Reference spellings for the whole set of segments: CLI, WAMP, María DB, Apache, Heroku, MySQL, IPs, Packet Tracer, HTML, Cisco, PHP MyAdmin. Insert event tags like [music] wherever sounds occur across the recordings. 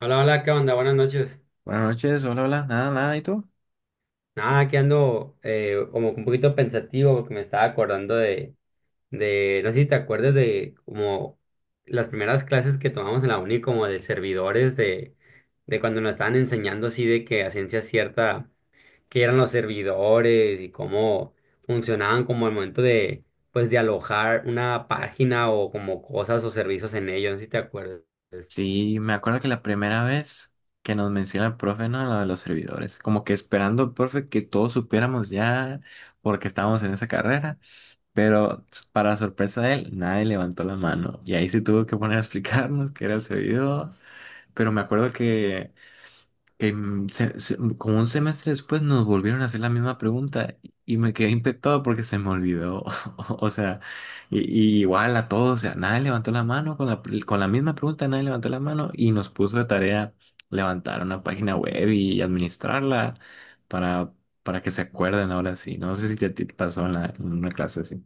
Hola, hola, ¿qué onda? Buenas noches. Buenas noches, hola, hola, nada, ¿y tú? Nada, que ando como un poquito pensativo porque me estaba acordando de, no sé si te acuerdas de como las primeras clases que tomamos en la uni, como de servidores, de cuando nos estaban enseñando así de que a ciencia cierta, qué eran los servidores y cómo funcionaban como el momento de, pues, de alojar una página o como cosas o servicios en ellos, no sé si te acuerdas. Sí, me acuerdo que la primera vez que nos menciona el profe, ¿no? Lo de los servidores, como que esperando el profe que todos supiéramos ya porque estábamos en esa carrera, pero para sorpresa de él, nadie levantó la mano y ahí se tuvo que poner a explicarnos qué era el servidor, pero me acuerdo que, como un semestre después nos volvieron a hacer la misma pregunta y me quedé impactado porque se me olvidó. [laughs] O sea, y, y igual a todos, o sea, nadie levantó la mano con con la misma pregunta, nadie levantó la mano y nos puso de tarea levantar una página web y administrarla para, para que se acuerden ahora sí. No sé si te, te pasó en, en una clase así.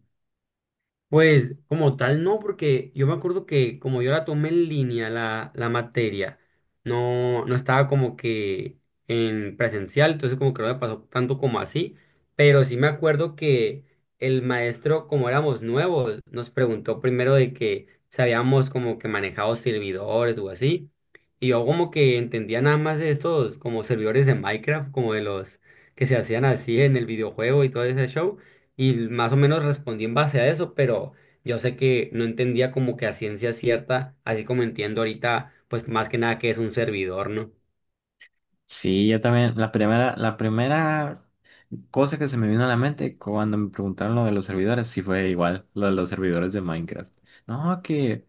Pues como tal no, porque yo me acuerdo que como yo la tomé en línea la materia, no estaba como que en presencial, entonces como que no me pasó tanto como así, pero sí me acuerdo que el maestro, como éramos nuevos, nos preguntó primero de que si habíamos como que manejado servidores o así, y yo como que entendía nada más de estos como servidores de Minecraft, como de los que se hacían así en el videojuego y todo ese show y más o menos respondí en base a eso, pero yo sé que no entendía como que a ciencia cierta, así como entiendo ahorita, pues más que nada que es un servidor, ¿no? Sí, yo también, la primera. Cosa que se me vino a la mente cuando me preguntaron lo de los servidores, si fue igual, lo de los servidores de Minecraft. No, que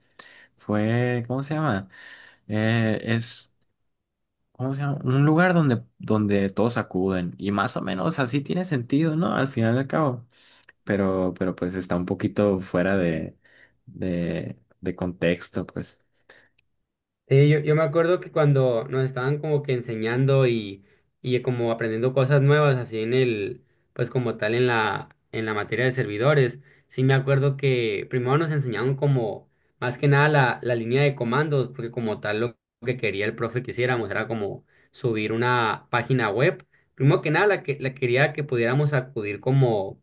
fue, ¿cómo se llama? Es, ¿cómo se llama? Un lugar donde, donde todos acuden. Y más o menos así tiene sentido, ¿no? Al final y al cabo. Pero pues está un poquito fuera de contexto, pues. Sí, yo me acuerdo que cuando nos estaban como que enseñando y como aprendiendo cosas nuevas, así en el, pues como tal en la materia de servidores, sí me acuerdo que primero nos enseñaron como más que nada la línea de comandos, porque como tal lo que quería el profe que hiciéramos era como subir una página web. Primero que nada, la que la quería que pudiéramos acudir como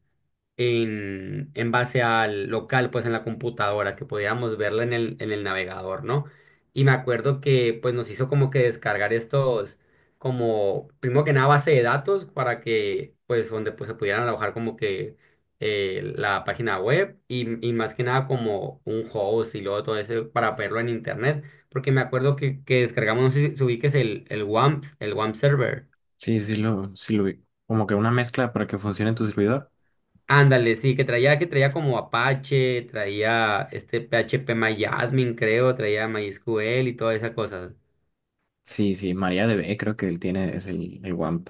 en base al local, pues en la computadora, que podíamos verla en el navegador, ¿no? Y me acuerdo que pues nos hizo como que descargar estos, como, primero que nada, base de datos para que, pues, donde pues se pudieran alojar como que la página web y más que nada como un host y luego todo eso para verlo en internet, porque me acuerdo que descargamos, no sé si ubiques el WAMP, el WAMP server. Sí, sí lo vi. Como que una mezcla para que funcione en tu servidor. Ándale, sí, que traía como Apache, traía este PHP MyAdmin, creo, traía MySQL y toda esa cosa. Sí, sí, María DB creo que él tiene, es el WAMP.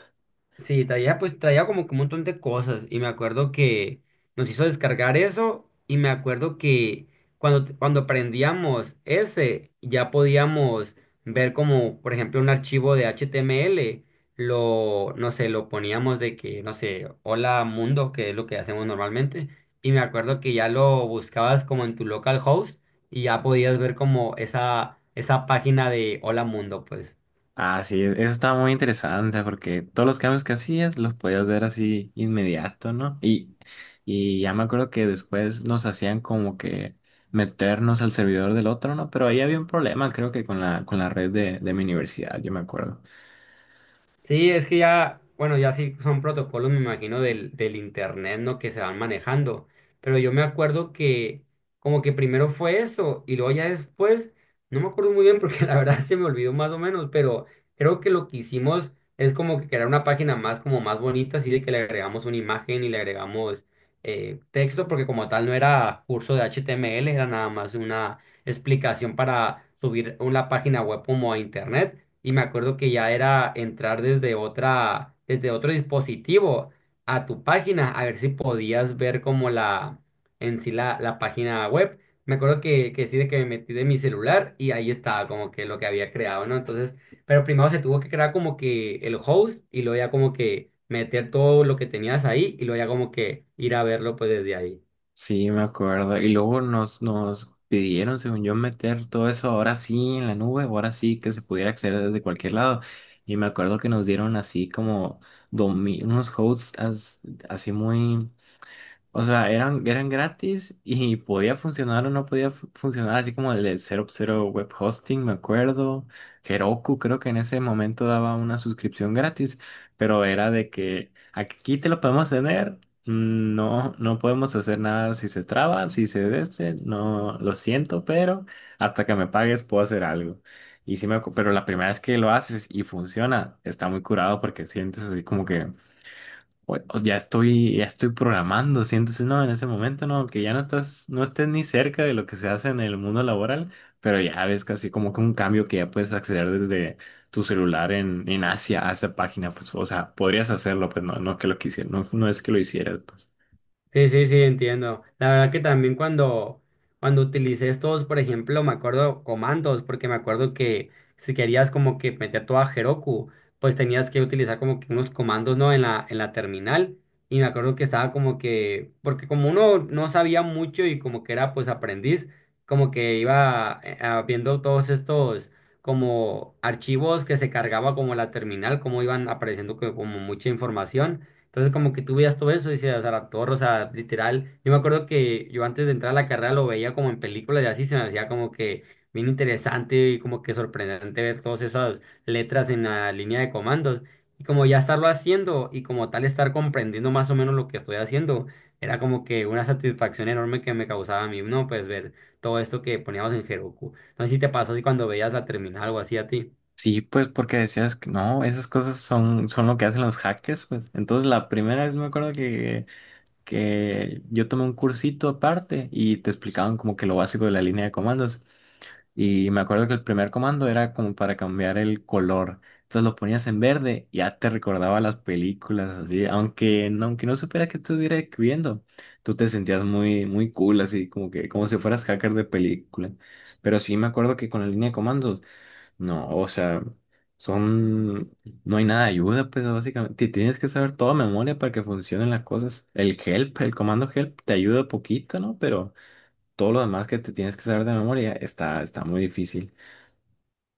Sí, traía como que un montón de cosas y me acuerdo que nos hizo descargar eso y me acuerdo que cuando prendíamos ese ya podíamos ver como por ejemplo un archivo de HTML, lo no sé, lo poníamos de que no sé, hola mundo, que es lo que hacemos normalmente y me acuerdo que ya lo buscabas como en tu localhost y ya podías ver como esa esa página de hola mundo, pues. Ah, sí, eso estaba muy interesante porque todos los cambios que hacías los podías ver así inmediato, ¿no? Y ya me acuerdo que después nos hacían como que meternos al servidor del otro, ¿no? Pero ahí había un problema, creo que con la red de mi universidad, yo me acuerdo. Sí, es que ya, bueno, ya sí son protocolos, me imagino, del internet, ¿no? Que se van manejando. Pero yo me acuerdo que como que primero fue eso y luego ya después, no me acuerdo muy bien porque [laughs] la verdad se me olvidó más o menos, pero creo que lo que hicimos es como que crear una página más, como más bonita, así de que le agregamos una imagen y le agregamos texto, porque como tal no era curso de HTML, era nada más una explicación para subir una página web como a internet y me acuerdo que ya era entrar desde otro dispositivo a tu página, a ver si podías ver como en sí la página web. Me acuerdo que sí, de que me metí de mi celular y ahí estaba como que lo que había creado, ¿no? Entonces, pero primero se tuvo que crear como que el host y luego ya como que meter todo lo que tenías ahí y luego ya como que ir a verlo pues desde ahí. Sí, me acuerdo. Y luego nos pidieron, según yo, meter todo eso ahora sí en la nube, ahora sí que se pudiera acceder desde cualquier lado. Y me acuerdo que nos dieron así como unos así muy. O sea, eran, eran gratis y podía funcionar o no funcionar, así como el de cero cero Web Hosting, me acuerdo. Heroku creo que en ese momento daba una suscripción gratis, pero era de que aquí te lo podemos tener, mm, no, no podemos hacer nada si se traba, si se deste, no, lo siento, pero hasta que me pagues puedo hacer algo. Y sí pero la primera vez que lo haces y funciona, está muy curado porque sientes así como que o ya estoy programando, siéntese, no, en ese momento, no, que ya no estás, no estés ni cerca de lo que se hace en el mundo laboral, pero ya ves casi como que un cambio que ya puedes acceder desde tu celular en Asia a esa página, pues, o sea, podrías hacerlo, pues no, no que lo quisieras, no, no es que lo hicieras, pues. Sí, sí, sí, entiendo. La verdad que también cuando utilicé estos, por ejemplo, me acuerdo comandos, porque me acuerdo que si querías como que meter todo a Heroku, pues tenías que utilizar como que unos comandos, ¿no? En la terminal. Y me acuerdo que estaba como que, porque como uno no sabía mucho y como que era pues aprendiz, como que iba viendo todos estos como archivos que se cargaba como la terminal, como iban apareciendo como mucha información. Entonces como que tú veías todo eso y decías, a la torre, o sea, literal. Yo me acuerdo que yo antes de entrar a la carrera lo veía como en películas y así se me hacía como que bien interesante y como que sorprendente ver todas esas letras en la línea de comandos. Y como ya estarlo haciendo y como tal estar comprendiendo más o menos lo que estoy haciendo, era como que una satisfacción enorme que me causaba a mí, ¿no? Pues ver todo esto que poníamos en Heroku. No sé si te pasó así cuando veías la terminal o así a ti. Sí, pues porque decías que no, esas cosas son, son lo que hacen los hackers, pues. Entonces la primera vez me acuerdo que yo tomé un cursito aparte y te explicaban como que lo básico de la línea de comandos. Y me acuerdo que el primer comando era como para cambiar el color. Entonces lo ponías en verde, y ya te recordaba las películas, así, aunque no supiera que estuviera escribiendo, tú te sentías muy, muy cool, así, como que, como si fueras hacker de película. Pero sí me acuerdo que con la línea de comandos, no, o sea, son, no hay nada de ayuda, pues básicamente, te tienes que saber toda memoria para que funcionen las cosas. El help, el comando help te ayuda poquito, ¿no? Pero todo lo demás que te tienes que saber de memoria está, está muy difícil.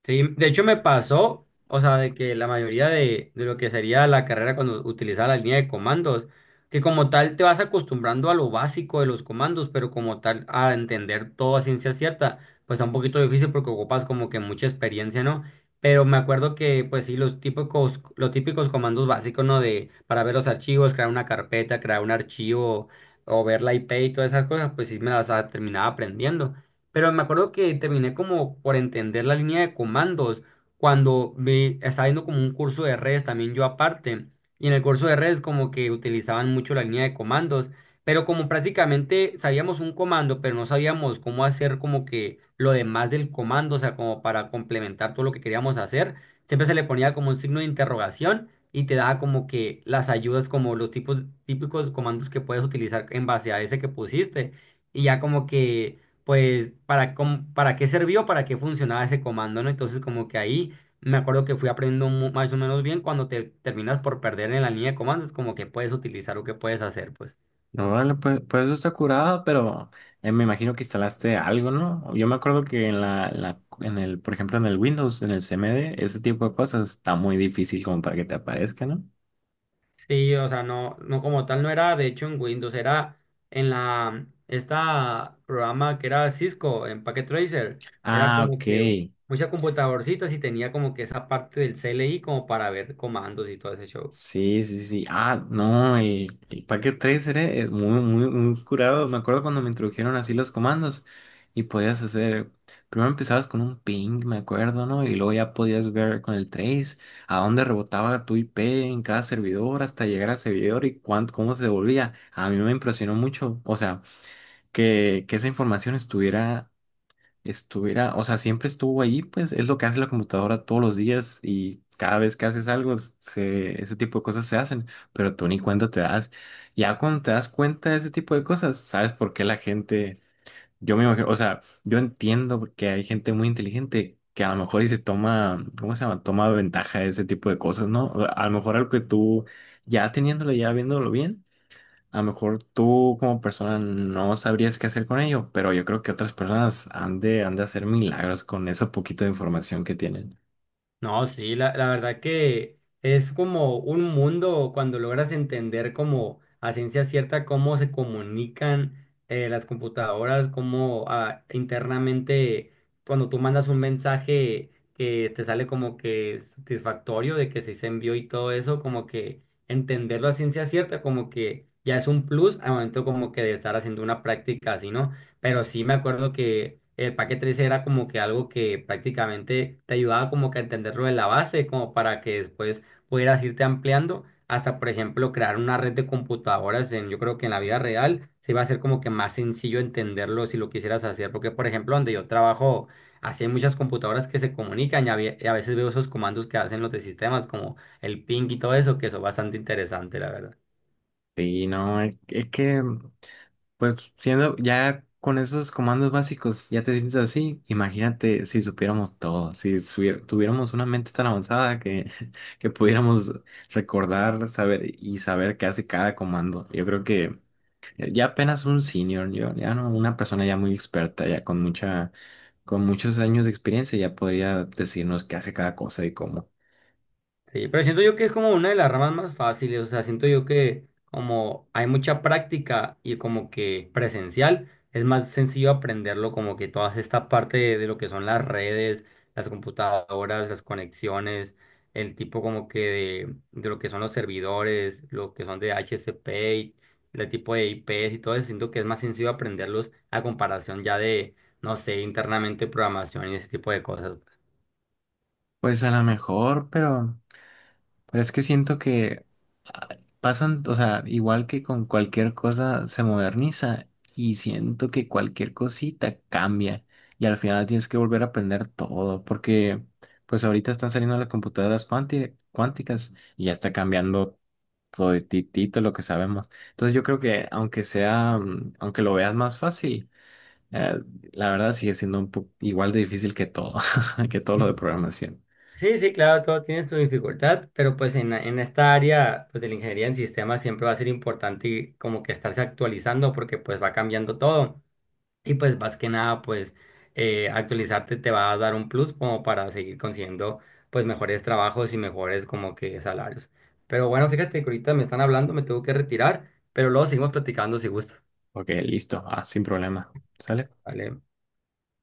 Sí, de hecho me pasó, o sea, de que la mayoría de lo que sería la carrera cuando utilizaba la línea de comandos, que como tal te vas acostumbrando a lo básico de los comandos, pero como tal a entender todo a ciencia cierta, pues está un poquito difícil porque ocupas como que mucha experiencia, ¿no? Pero me acuerdo que, pues sí, los típicos comandos básicos, ¿no? De, para ver los archivos, crear una carpeta, crear un archivo o ver la IP y todas esas cosas, pues sí me las terminaba aprendiendo. Pero me acuerdo que terminé como por entender la línea de comandos cuando vi, estaba viendo como un curso de redes también yo aparte. Y en el curso de redes como que utilizaban mucho la línea de comandos. Pero como prácticamente sabíamos un comando, pero no sabíamos cómo hacer como que lo demás del comando, o sea, como para complementar todo lo que queríamos hacer, siempre se le ponía como un signo de interrogación y te daba como que las ayudas, como los tipos típicos comandos que puedes utilizar en base a ese que pusiste. Y ya como que pues para, cómo- para qué sirvió, para qué funcionaba ese comando, ¿no? Entonces como que ahí me acuerdo que fui aprendiendo mu- más o menos bien cuando te terminas por perder en la línea de comandos, como que puedes utilizar o que puedes hacer, pues. No, órale, pues, pues eso está curado, pero me imagino que instalaste algo, ¿no? Yo me acuerdo que en la, en el, por ejemplo, en el Windows, en el CMD, ese tipo de cosas está muy difícil como para que te aparezca, ¿no? Sí, o sea, no como tal no era, de hecho en Windows era en la, esta programa que era Cisco, en Packet Tracer, era Ah, como que ok. muchas computadorcitas y tenía como que esa parte del CLI como para ver comandos y todo ese show. Sí, sí, sí. Ah, no, el Packet Tracer es muy, muy, muy curado. Me acuerdo cuando me introdujeron así los comandos y podías hacer, primero empezabas con un ping, me acuerdo, ¿no? Y luego ya podías ver con el trace a dónde rebotaba tu IP en cada servidor hasta llegar al servidor y cuánto, cómo se devolvía. A mí me impresionó mucho, o sea, que esa información estuviera, o sea, siempre estuvo ahí, pues es lo que hace la computadora todos los días y cada vez que haces algo, se, ese tipo de cosas se hacen, pero tú ni cuenta te das. Ya cuando te das cuenta de ese tipo de cosas, sabes por qué la gente, yo me imagino, o sea, yo entiendo que hay gente muy inteligente que a lo mejor y se toma, ¿cómo se llama? Toma ventaja de ese tipo de cosas, ¿no? A lo mejor algo que tú ya teniéndolo, ya viéndolo bien. A lo mejor tú como persona no sabrías qué hacer con ello, pero yo creo que otras personas han de hacer milagros con ese poquito de información que tienen. No, sí, la verdad que es como un mundo cuando logras entender como a ciencia cierta cómo se comunican las computadoras, cómo internamente cuando tú mandas un mensaje que te sale como que satisfactorio de que sí se envió y todo eso, como que entenderlo a ciencia cierta, como que ya es un plus al momento como que de estar haciendo una práctica así, ¿no? Pero sí me acuerdo que el paquete 13 era como que algo que prácticamente te ayudaba como que a entenderlo de la base, como para que después pudieras irte ampliando hasta, por ejemplo, crear una red de computadoras en, yo creo que en la vida real se iba a ser como que más sencillo entenderlo si lo quisieras hacer, porque, por ejemplo, donde yo trabajo, así hay muchas computadoras que se comunican y a, ve- y a veces veo esos comandos que hacen los de sistemas, como el ping y todo eso, que son bastante interesante, la verdad. Sí, no, es que, pues siendo ya con esos comandos básicos, ya te sientes así. Imagínate si supiéramos todo, si subier- tuviéramos una mente tan avanzada que, [laughs] que pudiéramos recordar, saber y saber qué hace cada comando. Yo creo que eh, ya apenas un senior, yo, ya no, una persona ya muy experta, ya con mucha, con muchos años de experiencia, ya podría decirnos qué hace cada cosa y cómo. Sí, pero siento yo que es como una de las ramas más fáciles, o sea, siento yo que como hay mucha práctica y como que presencial, es más sencillo aprenderlo como que toda esta parte de lo que son las redes, las computadoras, las conexiones, el tipo como que de lo que son los servidores, lo que son de HCP, y el tipo de IPs y todo eso, siento que es más sencillo aprenderlos a comparación ya de, no sé, internamente programación y ese tipo de cosas. Pues a lo mejor, pero es que siento que ah, pasan, o sea, igual que con cualquier cosa se moderniza y siento que cualquier cosita cambia y al final tienes que volver a aprender todo porque pues ahorita están saliendo las computadoras cuánticas y ya está cambiando toditito lo que sabemos. Entonces yo creo que aunque sea, mm, aunque lo veas más fácil, eh, la verdad sigue siendo un poco igual de difícil que todo, [laughs] que todo lo de programación. Sí, sí, claro, todo tiene su dificultad, pero pues en esta área pues de la ingeniería en sistemas siempre va a ser importante y como que estarse actualizando porque pues va cambiando todo y pues más que nada pues actualizarte te va a dar un plus como para seguir consiguiendo pues mejores trabajos y mejores como que salarios. Pero bueno, fíjate que ahorita me están hablando, me tengo que retirar, pero luego seguimos platicando si gusta. Ok, listo, ah, sin problema. ¿Sale? ¿Vale?